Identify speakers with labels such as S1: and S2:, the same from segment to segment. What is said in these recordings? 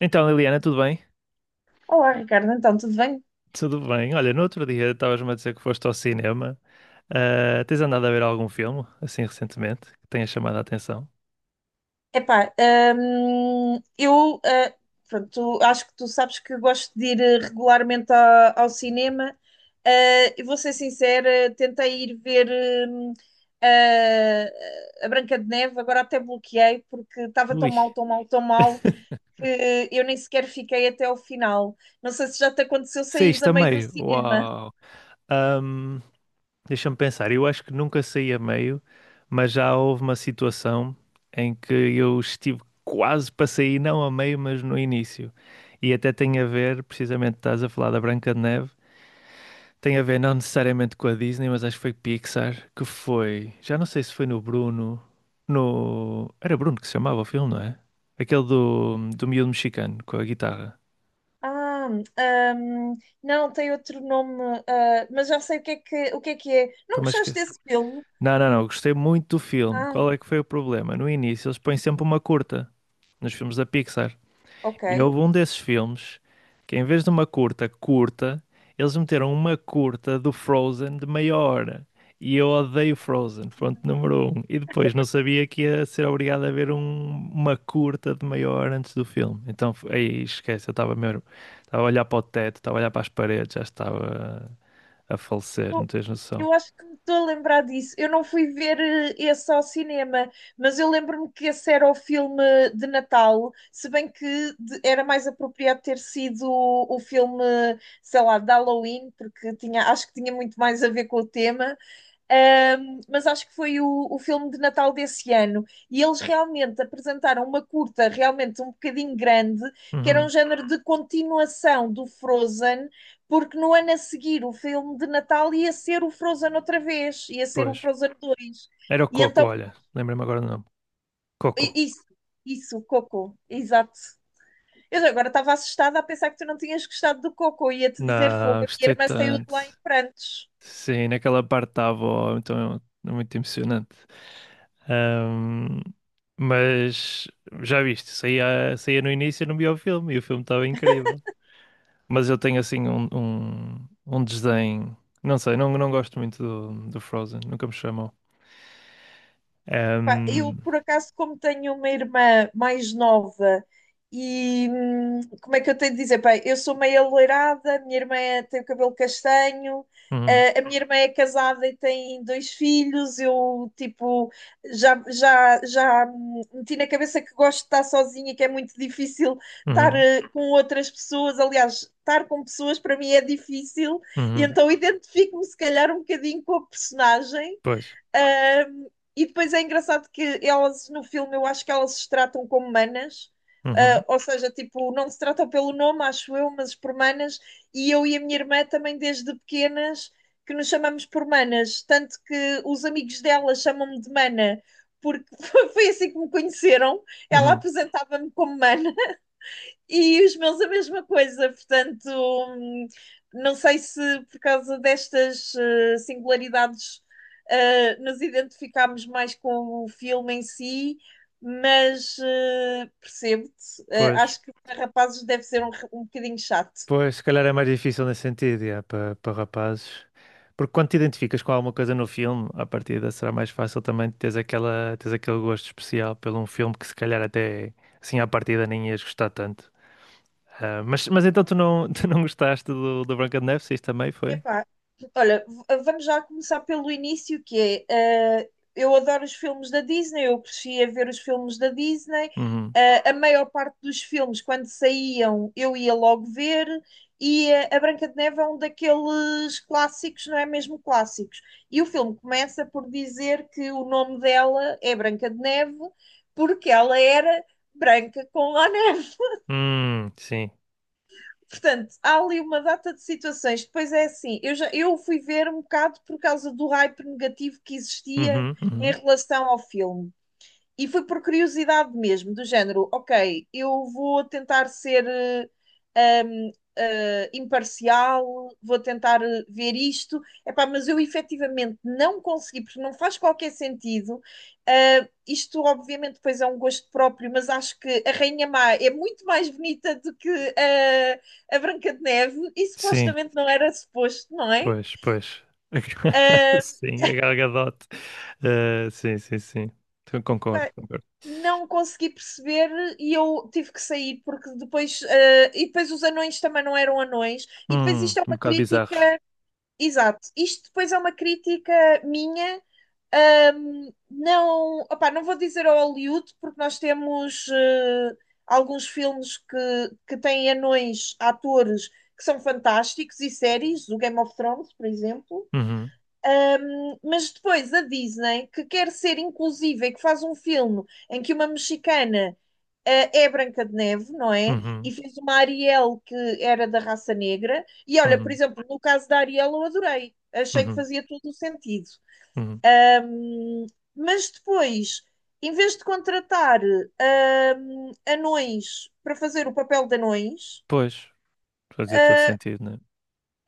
S1: Então, Liliana, tudo bem?
S2: Olá, Ricardo, então, tudo bem?
S1: Tudo bem. Olha, no outro dia estavas-me a dizer que foste ao cinema. Ah, tens andado a ver algum filme, assim, recentemente, que tenha chamado a atenção?
S2: Epá, hum, eu ah, pronto, acho que tu sabes que gosto de ir regularmente ao cinema. E vou ser sincera, tentei ir ver hum, a Branca de Neve, agora até bloqueei porque estava tão
S1: Ui.
S2: mal, tão mal, tão mal que eu nem sequer fiquei até ao final. Não sei se já te aconteceu saíres a
S1: Saíste a
S2: meio do
S1: meio.
S2: cinema.
S1: Uau. Ahm, Deixa-me pensar. Eu acho que nunca saí a meio, mas já houve uma situação em que eu estive quase para sair, não a meio, mas no início. E até tem a ver, precisamente, estás a falar da Branca de Neve. Tem a ver não necessariamente com a Disney, mas acho que foi Pixar, que foi. Já não sei se foi no Bruno. No. Era Bruno que se chamava o filme, não é? Aquele do miúdo mexicano com a guitarra.
S2: Ah, ahm, não, tem outro nome, mas já sei o que é que, o que é que é. Não
S1: Estou-me a
S2: gostaste
S1: esquecer.
S2: desse filme?
S1: Não, não, não. Gostei muito do filme.
S2: Ah,
S1: Qual é que foi o problema? No início eles põem sempre uma curta nos filmes da Pixar. E
S2: ok.
S1: houve um desses filmes que, em vez de uma curta curta, eles meteram uma curta do Frozen de meia hora. E eu odeio Frozen, ponto número um. E depois não sabia que ia ser obrigado a ver uma curta de meia hora antes do filme. Então, aí esquece, eu estava mesmo. Estava a olhar para o teto, estava a olhar para as paredes, já estava a falecer, não
S2: Eu,
S1: tens noção.
S2: eu acho que me estou a lembrar disso. Eu não fui ver esse ao cinema, mas eu lembro-me que esse era o filme de Natal, se bem que era mais apropriado ter sido o filme, sei lá, de Halloween, porque tinha, acho que tinha muito mais a ver com o tema. Mas acho que foi o filme de Natal desse ano. E eles realmente apresentaram uma curta, realmente um bocadinho grande, que era um
S1: Uhum,
S2: género de continuação do Frozen, porque no ano a seguir o filme de Natal ia ser o Frozen outra vez, ia ser o
S1: pois.
S2: Frozen dois.
S1: Era o
S2: E
S1: Coco,
S2: então,
S1: olha. Lembrei-me agora do nome. Coco.
S2: i- isso, isso, Coco, exato. Eu agora estava assustada a pensar que tu não tinhas gostado do Coco, ia-te dizer fogo,
S1: Não,
S2: a minha
S1: gostei
S2: irmã saiu de
S1: tanto.
S2: lá em prantos.
S1: Sim, naquela parte da avó, então é muito emocionante. Ahm, mas já viste, saía no início e não via o filme, e o filme estava incrível. Mas eu tenho assim um desdém, não sei, não, não gosto muito do Frozen, nunca me chamou.
S2: Eu,
S1: Ahm,
S2: por acaso, como tenho uma irmã mais nova e como é que eu tenho de dizer? Pá, eu sou meio alourada, a minha irmã tem o cabelo castanho,
S1: uhum,
S2: a minha irmã é casada e tem 2 filhos. Eu, tipo, já, já, já meti na cabeça que gosto de estar sozinha, que é muito difícil estar
S1: uhum,
S2: com outras pessoas. Aliás, estar com pessoas para mim é difícil, e
S1: uhum,
S2: então identifico-me, se calhar, um bocadinho com a personagem.
S1: pois,
S2: Ahm, e depois é engraçado que elas no filme eu acho que elas se tratam como manas,
S1: uhum,
S2: ou seja, tipo, não se tratam pelo nome, acho eu, mas por manas, e eu e a minha irmã também desde pequenas que nos chamamos por manas, tanto que os amigos dela chamam-me de mana, porque foi assim que me conheceram, ela
S1: uhum,
S2: apresentava-me como mana. E os meus a mesma coisa, portanto, não sei se por causa destas singularidades nos identificámos mais com o filme em si, mas percebo-te.
S1: pois.
S2: Acho que para rapazes deve ser um bocadinho chato.
S1: Pois, se calhar é mais difícil nesse sentido, yeah, para rapazes. Porque quando te identificas com alguma coisa no filme, à partida será mais fácil também teres aquele gosto especial pelo um filme que se calhar até assim à partida nem ias gostar tanto. Ah, mas então tu não, tu não gostaste do Branca de Neve, se isso também foi?
S2: Epá, olha, vamos já começar pelo início, que é, eu adoro os filmes da Disney, eu cresci a ver os filmes da Disney,
S1: Uhum.
S2: a maior parte dos filmes, quando saíam, eu ia logo ver, e a Branca de Neve é um daqueles clássicos, não é mesmo clássicos. E o filme começa por dizer que o nome dela é Branca de Neve, porque ela era branca com a.
S1: Sim.
S2: Portanto, há ali uma data de situações. Depois é assim, eu fui ver um bocado por causa do hype negativo que existia
S1: Uhum,
S2: em
S1: uhum.
S2: relação ao filme. E foi por curiosidade mesmo, do género, ok, eu vou tentar ser imparcial, vou tentar ver isto, epá, mas eu efetivamente não consegui, porque não faz qualquer sentido. Isto, obviamente, depois é um gosto próprio, mas acho que a Rainha Má é muito mais bonita do que eh, a Branca de Neve, e
S1: Sim,
S2: supostamente não era suposto, não é?
S1: pois, pois.
S2: Eh,
S1: Sim, a Gal Gadot. Ah, sim, sim, sim. Concordo,
S2: pá,
S1: concordo.
S2: não consegui perceber e eu tive que sair porque depois e depois os anões também não eram anões e depois isto é
S1: Um
S2: uma
S1: bocado bizarros.
S2: crítica, exato, isto depois é uma crítica minha. Não opá, não vou dizer ao Hollywood porque nós temos alguns filmes que têm anões atores que são fantásticos e séries o Game of Thrones por exemplo,
S1: Uhum.
S2: mas depois a Disney, que quer ser inclusiva e que faz um filme em que uma mexicana é Branca de Neve, não é?
S1: Uhum,
S2: E fez uma Ariel que era da raça negra. E olha, por
S1: uhum,
S2: exemplo, no caso da Ariel eu adorei. Achei que
S1: uhum,
S2: fazia todo o sentido.
S1: uhum.
S2: Hum, Mas depois, em vez de contratar ah, anões para fazer o papel de anões,
S1: Pois, fazia todo
S2: ah,
S1: sentido, né?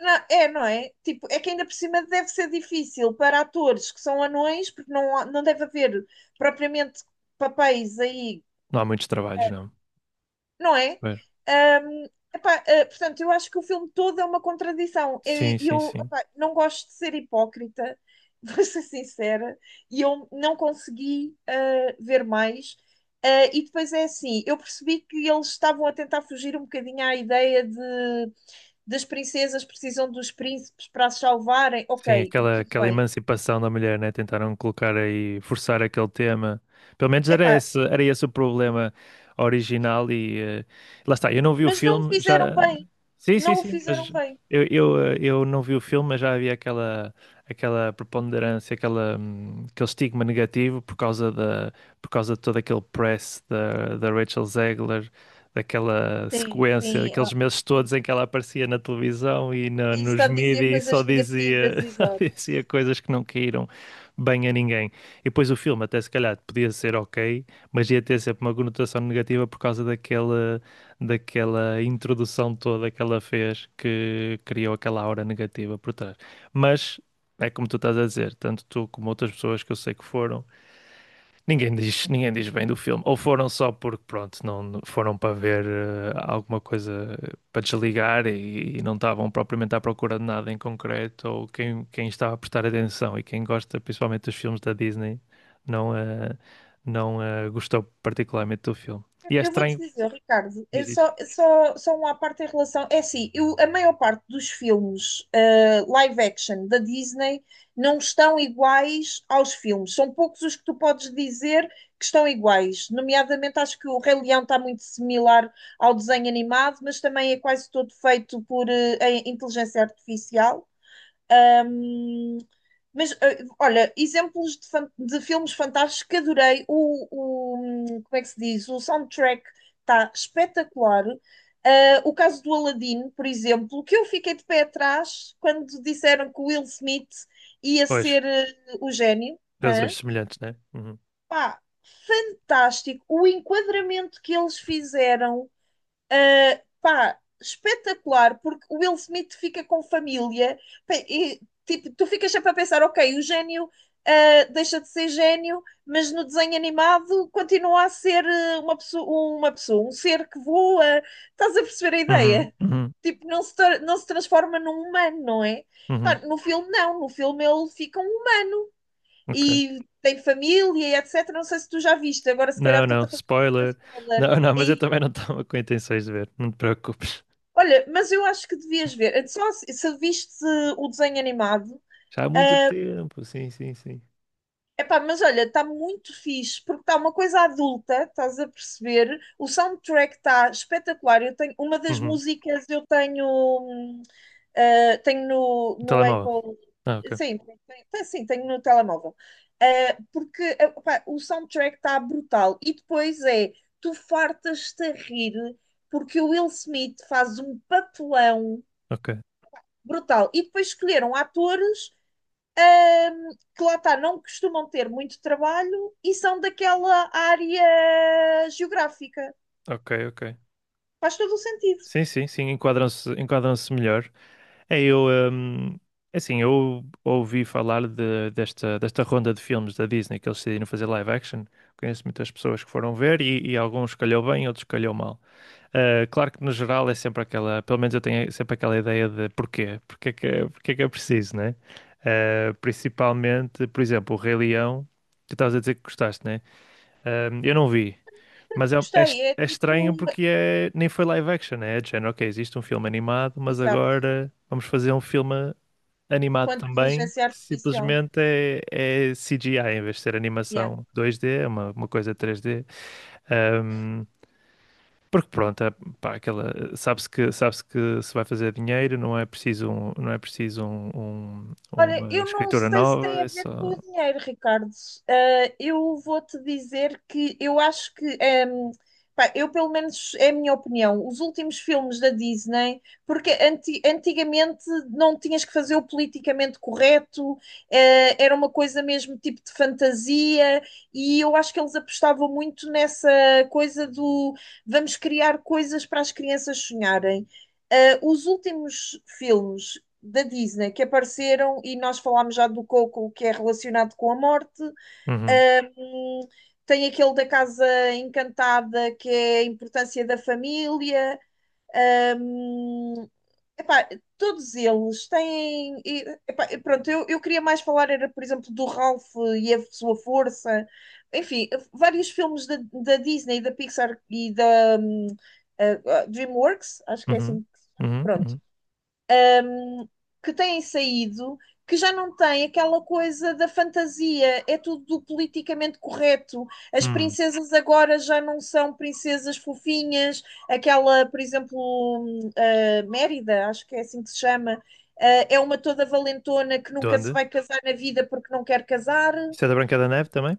S2: não, é, não é? Tipo, é que ainda por cima deve ser difícil para atores que são anões, porque não, não deve haver propriamente papéis aí,
S1: Não há muitos trabalhos, não.
S2: não é?
S1: Pois.
S2: Ahm, portanto, eu acho que o filme todo é uma contradição.
S1: Sim, sim, sim.
S2: Não gosto de ser hipócrita, vou ser sincera, e eu não consegui ver mais. E depois é assim, eu percebi que eles estavam a tentar fugir um bocadinho à ideia de das princesas precisam dos príncipes para as salvarem.
S1: Sim,
S2: Ok,
S1: aquela,
S2: tudo
S1: aquela
S2: bem.
S1: emancipação da mulher, né? Tentaram colocar aí, forçar aquele tema. Pelo menos
S2: Epá,
S1: era esse o problema original e lá está, eu não vi o
S2: mas não o
S1: filme,
S2: fizeram
S1: já.
S2: bem.
S1: Sim, sim,
S2: Não o
S1: sim, mas
S2: fizeram bem.
S1: eu não vi o filme, mas já havia aquela, preponderância, aquele estigma negativo por causa de todo aquele press da Rachel Zegler. Daquela
S2: Sim,
S1: sequência,
S2: sim.
S1: daqueles meses todos
S2: Sim.
S1: em que ela aparecia na televisão e
S2: E
S1: nos
S2: está a dizer
S1: mídias e só
S2: coisas
S1: dizia
S2: negativas, exato.
S1: e coisas que não caíram bem a ninguém. E depois o filme, até se calhar, podia ser ok, mas ia ter sempre uma conotação negativa por causa daquela introdução toda que ela fez que criou aquela aura negativa por trás. Mas é como tu estás a dizer, tanto tu como outras pessoas que eu sei que foram, Ninguém diz bem do filme. Ou foram só porque, pronto, não foram para ver alguma coisa para desligar e, não estavam propriamente à procura de nada em concreto. Ou quem estava a prestar atenção e quem gosta principalmente dos filmes da Disney não, não gostou particularmente do filme. E é
S2: Eu vou-te
S1: estranho.
S2: dizer, Ricardo,
S1: Diz, diz.
S2: é só, só uma parte em relação. É assim, eu, a maior parte dos filmes live action da Disney não estão iguais aos filmes. São poucos os que tu podes dizer que estão iguais. Nomeadamente, acho que o Rei Leão está muito similar ao desenho animado, mas também é quase todo feito por em inteligência artificial. Ahm, mas, olha, exemplos de, de filmes fantásticos que adorei. Como é que se diz? O soundtrack está espetacular. O caso do Aladdin, por exemplo, que eu fiquei de pé atrás quando disseram que o Will Smith ia
S1: Pois,
S2: ser o gênio. Hã?
S1: razões semelhantes, né? Uhum.
S2: Pá, fantástico. O enquadramento que eles fizeram. Pá, espetacular, porque o Will Smith fica com família, pá, e tipo, tu ficas sempre a pensar, ok, o gênio deixa de ser gênio, mas no desenho animado continua a ser uma pessoa, um ser que voa. Estás a perceber a
S1: Uhum,
S2: ideia?
S1: uhum,
S2: Tipo, não se, não se transforma num humano, não é? Pá,
S1: uhum.
S2: no filme, não. No filme ele fica um humano
S1: Ok.
S2: e tem família e etc. Não sei se tu já viste, agora se calhar
S1: Não, não,
S2: estou-te a fazer um
S1: spoiler.
S2: spoiler.
S1: Não, não, mas eu também não estava com intenções de ver. Não te preocupes.
S2: Olha, mas eu acho que devias ver. Só se, se viste o desenho animado.
S1: Já há muito
S2: ah,
S1: tempo, sim, sim, sim.
S2: mas olha, está muito fixe, porque está uma coisa adulta, estás a perceber? O soundtrack está espetacular. Eu tenho, uma das
S1: Uhum.
S2: músicas eu tenho, hum, tenho no,
S1: Um
S2: no
S1: telemóvel.
S2: Apple.
S1: Ah, ok.
S2: Sim, tem, sim, tenho no telemóvel. Porque epá, o soundtrack está brutal. E depois é, tu fartas-te a rir, porque o Will Smith faz um papelão.
S1: Ok,
S2: Brutal. E depois escolheram atores que lá está, não costumam ter muito trabalho e são daquela área geográfica.
S1: ok, ok.
S2: Faz todo o sentido.
S1: Sim, sim, sim, enquadram-se melhor. É, eu, hum, É assim, eu ouvi falar desta, ronda de filmes da Disney que eles decidiram fazer live action. Conheço muitas pessoas que foram ver e, alguns calhou bem, outros calhou mal. Ah, claro que no geral é sempre aquela, pelo menos eu tenho sempre aquela ideia de porquê, porque é que é preciso, né? Ah, principalmente, por exemplo, o Rei Leão, tu estavas a dizer que gostaste, né? Eu não vi, mas é, é est-
S2: Gostei, é
S1: é estranho
S2: tipo,
S1: porque é, nem foi live action, né? É de género, ok, existe um filme animado, mas
S2: exato,
S1: agora vamos fazer um filme animado
S2: quanto
S1: também.
S2: inteligência artificial.
S1: Simplesmente é, CGI em vez de ser
S2: Yeah.
S1: animação 2D, é uma coisa 3D. Ahm, Porque pronto, é, pá, aquela, sabe-se que se vai fazer dinheiro, não é preciso, não é preciso
S2: Olha,
S1: uma
S2: eu não
S1: escritora
S2: sei se
S1: nova,
S2: tem a
S1: é
S2: ver com
S1: só.
S2: o dinheiro, Ricardo. Eu vou-te dizer que eu acho que, pá, eu pelo menos é a minha opinião, os últimos filmes da Disney, porque antigamente não tinhas que fazer o politicamente correto, era uma coisa mesmo tipo de fantasia, e eu acho que eles apostavam muito nessa coisa do vamos criar coisas para as crianças sonharem. Os últimos filmes da Disney que apareceram e nós falámos já do Coco, que é relacionado com a morte.
S1: Uhum,
S2: Ahm, tem aquele da Casa Encantada, que é a importância da família. Ahm, epá, todos eles têm. E, epá, pronto, eu queria mais falar, era, por exemplo, do Ralph e a sua força. Enfim, vários filmes da, da Disney, da Pixar e da DreamWorks, acho que é
S1: uhum,
S2: assim.
S1: uhum,
S2: Pronto,
S1: uhum.
S2: que têm saído, que já não tem aquela coisa da fantasia, é tudo politicamente correto. As
S1: Hum,
S2: princesas agora já não são princesas fofinhas, aquela, por exemplo, Mérida, acho que é assim que se chama, é uma toda valentona que
S1: De
S2: nunca se
S1: onde?
S2: vai casar na vida porque não quer casar.
S1: Isso é da Branca da Neve também?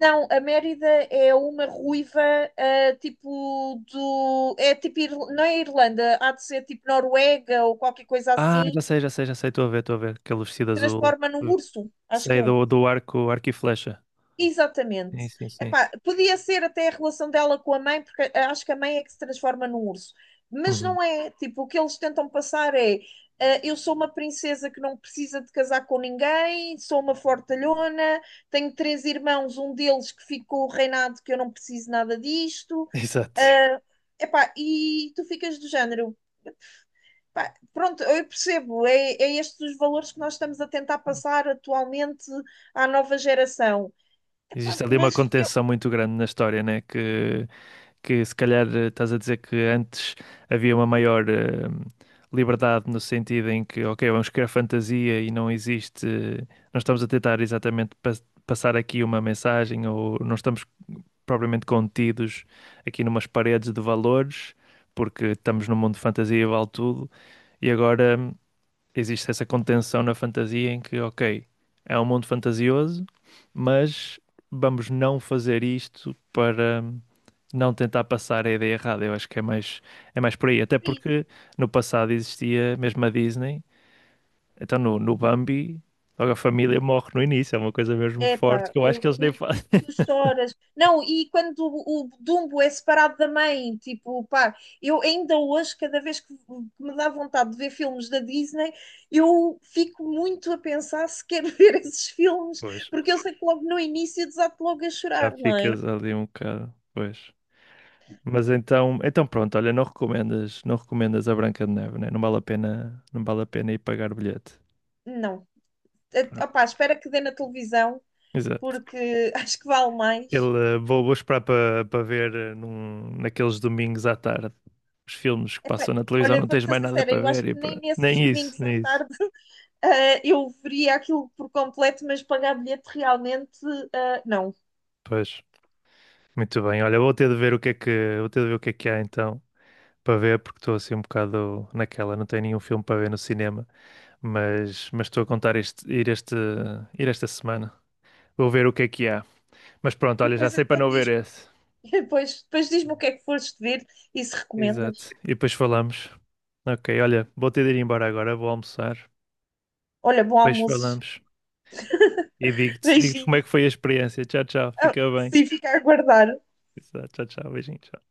S2: Não, a Mérida é uma ruiva, tipo do. É tipo. Não é Irlanda, há de ser tipo Noruega ou qualquer coisa
S1: Ah,
S2: assim,
S1: já sei, já sei, já sei. Estou a ver, estou a ver. Aquele vestido azul.
S2: transforma num
S1: Hum.
S2: urso, acho que
S1: Sei
S2: é.
S1: do arco e flecha.
S2: Exatamente.
S1: Sim, sim, sim.
S2: Epá, podia ser até a relação dela com a mãe, porque acho que a mãe é que se transforma num urso. Mas
S1: Uhum.
S2: não é. Tipo, o que eles tentam passar é: eu sou uma princesa que não precisa de casar com ninguém, sou uma fortalhona, tenho 3 irmãos, um deles que ficou reinado, que eu não preciso nada disto.
S1: Exato.
S2: Ah, e tu ficas do género. Pá, pronto, eu percebo, é, é estes os valores que nós estamos a tentar passar atualmente à nova geração.
S1: Existe
S2: Epá,
S1: ali uma
S2: mas eu,
S1: contenção muito grande na história, né? Que se calhar estás a dizer que antes havia uma maior liberdade no sentido em que, ok, vamos criar fantasia e não existe, não estamos a tentar exatamente passar aqui uma mensagem ou não estamos propriamente contidos aqui numas paredes de valores, porque estamos num mundo de fantasia e vale tudo, e agora existe essa contenção na fantasia em que, ok, é um mundo fantasioso, mas vamos não fazer isto para não tentar passar a ideia errada. Eu acho que é mais, por aí, até
S2: é isso.
S1: porque no passado existia mesmo a Disney, então no Bambi. Logo a família morre no início, é uma coisa mesmo forte
S2: Epá,
S1: que eu acho que eles nem
S2: o
S1: fazem.
S2: que tu choras. Não, e quando o Dumbo é separado da mãe, tipo, pá, eu ainda hoje, cada vez que me dá vontade de ver filmes da Disney, eu fico muito a pensar se quero ver esses filmes,
S1: Pois.
S2: porque eu sei que logo no início desato logo a
S1: Já
S2: chorar, não é?
S1: ficas ali um bocado, pois. Mas então, pronto, olha, não recomendas, não recomendas a Branca de Neve, né? Não vale a pena, não vale a pena ir pagar o bilhete.
S2: Não.
S1: Pronto.
S2: Opá, espera que dê na televisão
S1: Exato.
S2: porque acho que vale mais.
S1: Vou, esperar para ver naqueles domingos à tarde os filmes que
S2: Epá,
S1: passam na televisão,
S2: olha,
S1: não tens
S2: vou-te ser
S1: mais nada
S2: sincera,
S1: para
S2: eu acho
S1: ver e
S2: que nem
S1: pronto.
S2: nesses
S1: Nem isso,
S2: domingos à
S1: nem isso.
S2: tarde eu veria aquilo por completo, mas pagar bilhete realmente, não.
S1: Pois, muito bem. Olha, vou ter de ver o que é que há então para ver, porque estou assim um bocado naquela, não tenho nenhum filme para ver no cinema. Mas estou a contar este, ir esta semana. Vou ver o que é que há. Mas pronto, olha, já
S2: Depois
S1: sei para
S2: então
S1: não ver
S2: diz-me,
S1: esse.
S2: depois, depois diz-me o que é que foste ver e se recomendas.
S1: Exato. E depois falamos. Ok, olha, vou ter de ir embora agora, vou almoçar.
S2: Olha, bom
S1: Depois
S2: almoço.
S1: falamos. E digo-te como é
S2: Beijinhos.
S1: que foi a experiência. Tchau, tchau.
S2: Ah,
S1: Fica bem.
S2: Se ficar a guardar.
S1: Exato. Tchau, tchau. Beijinhos.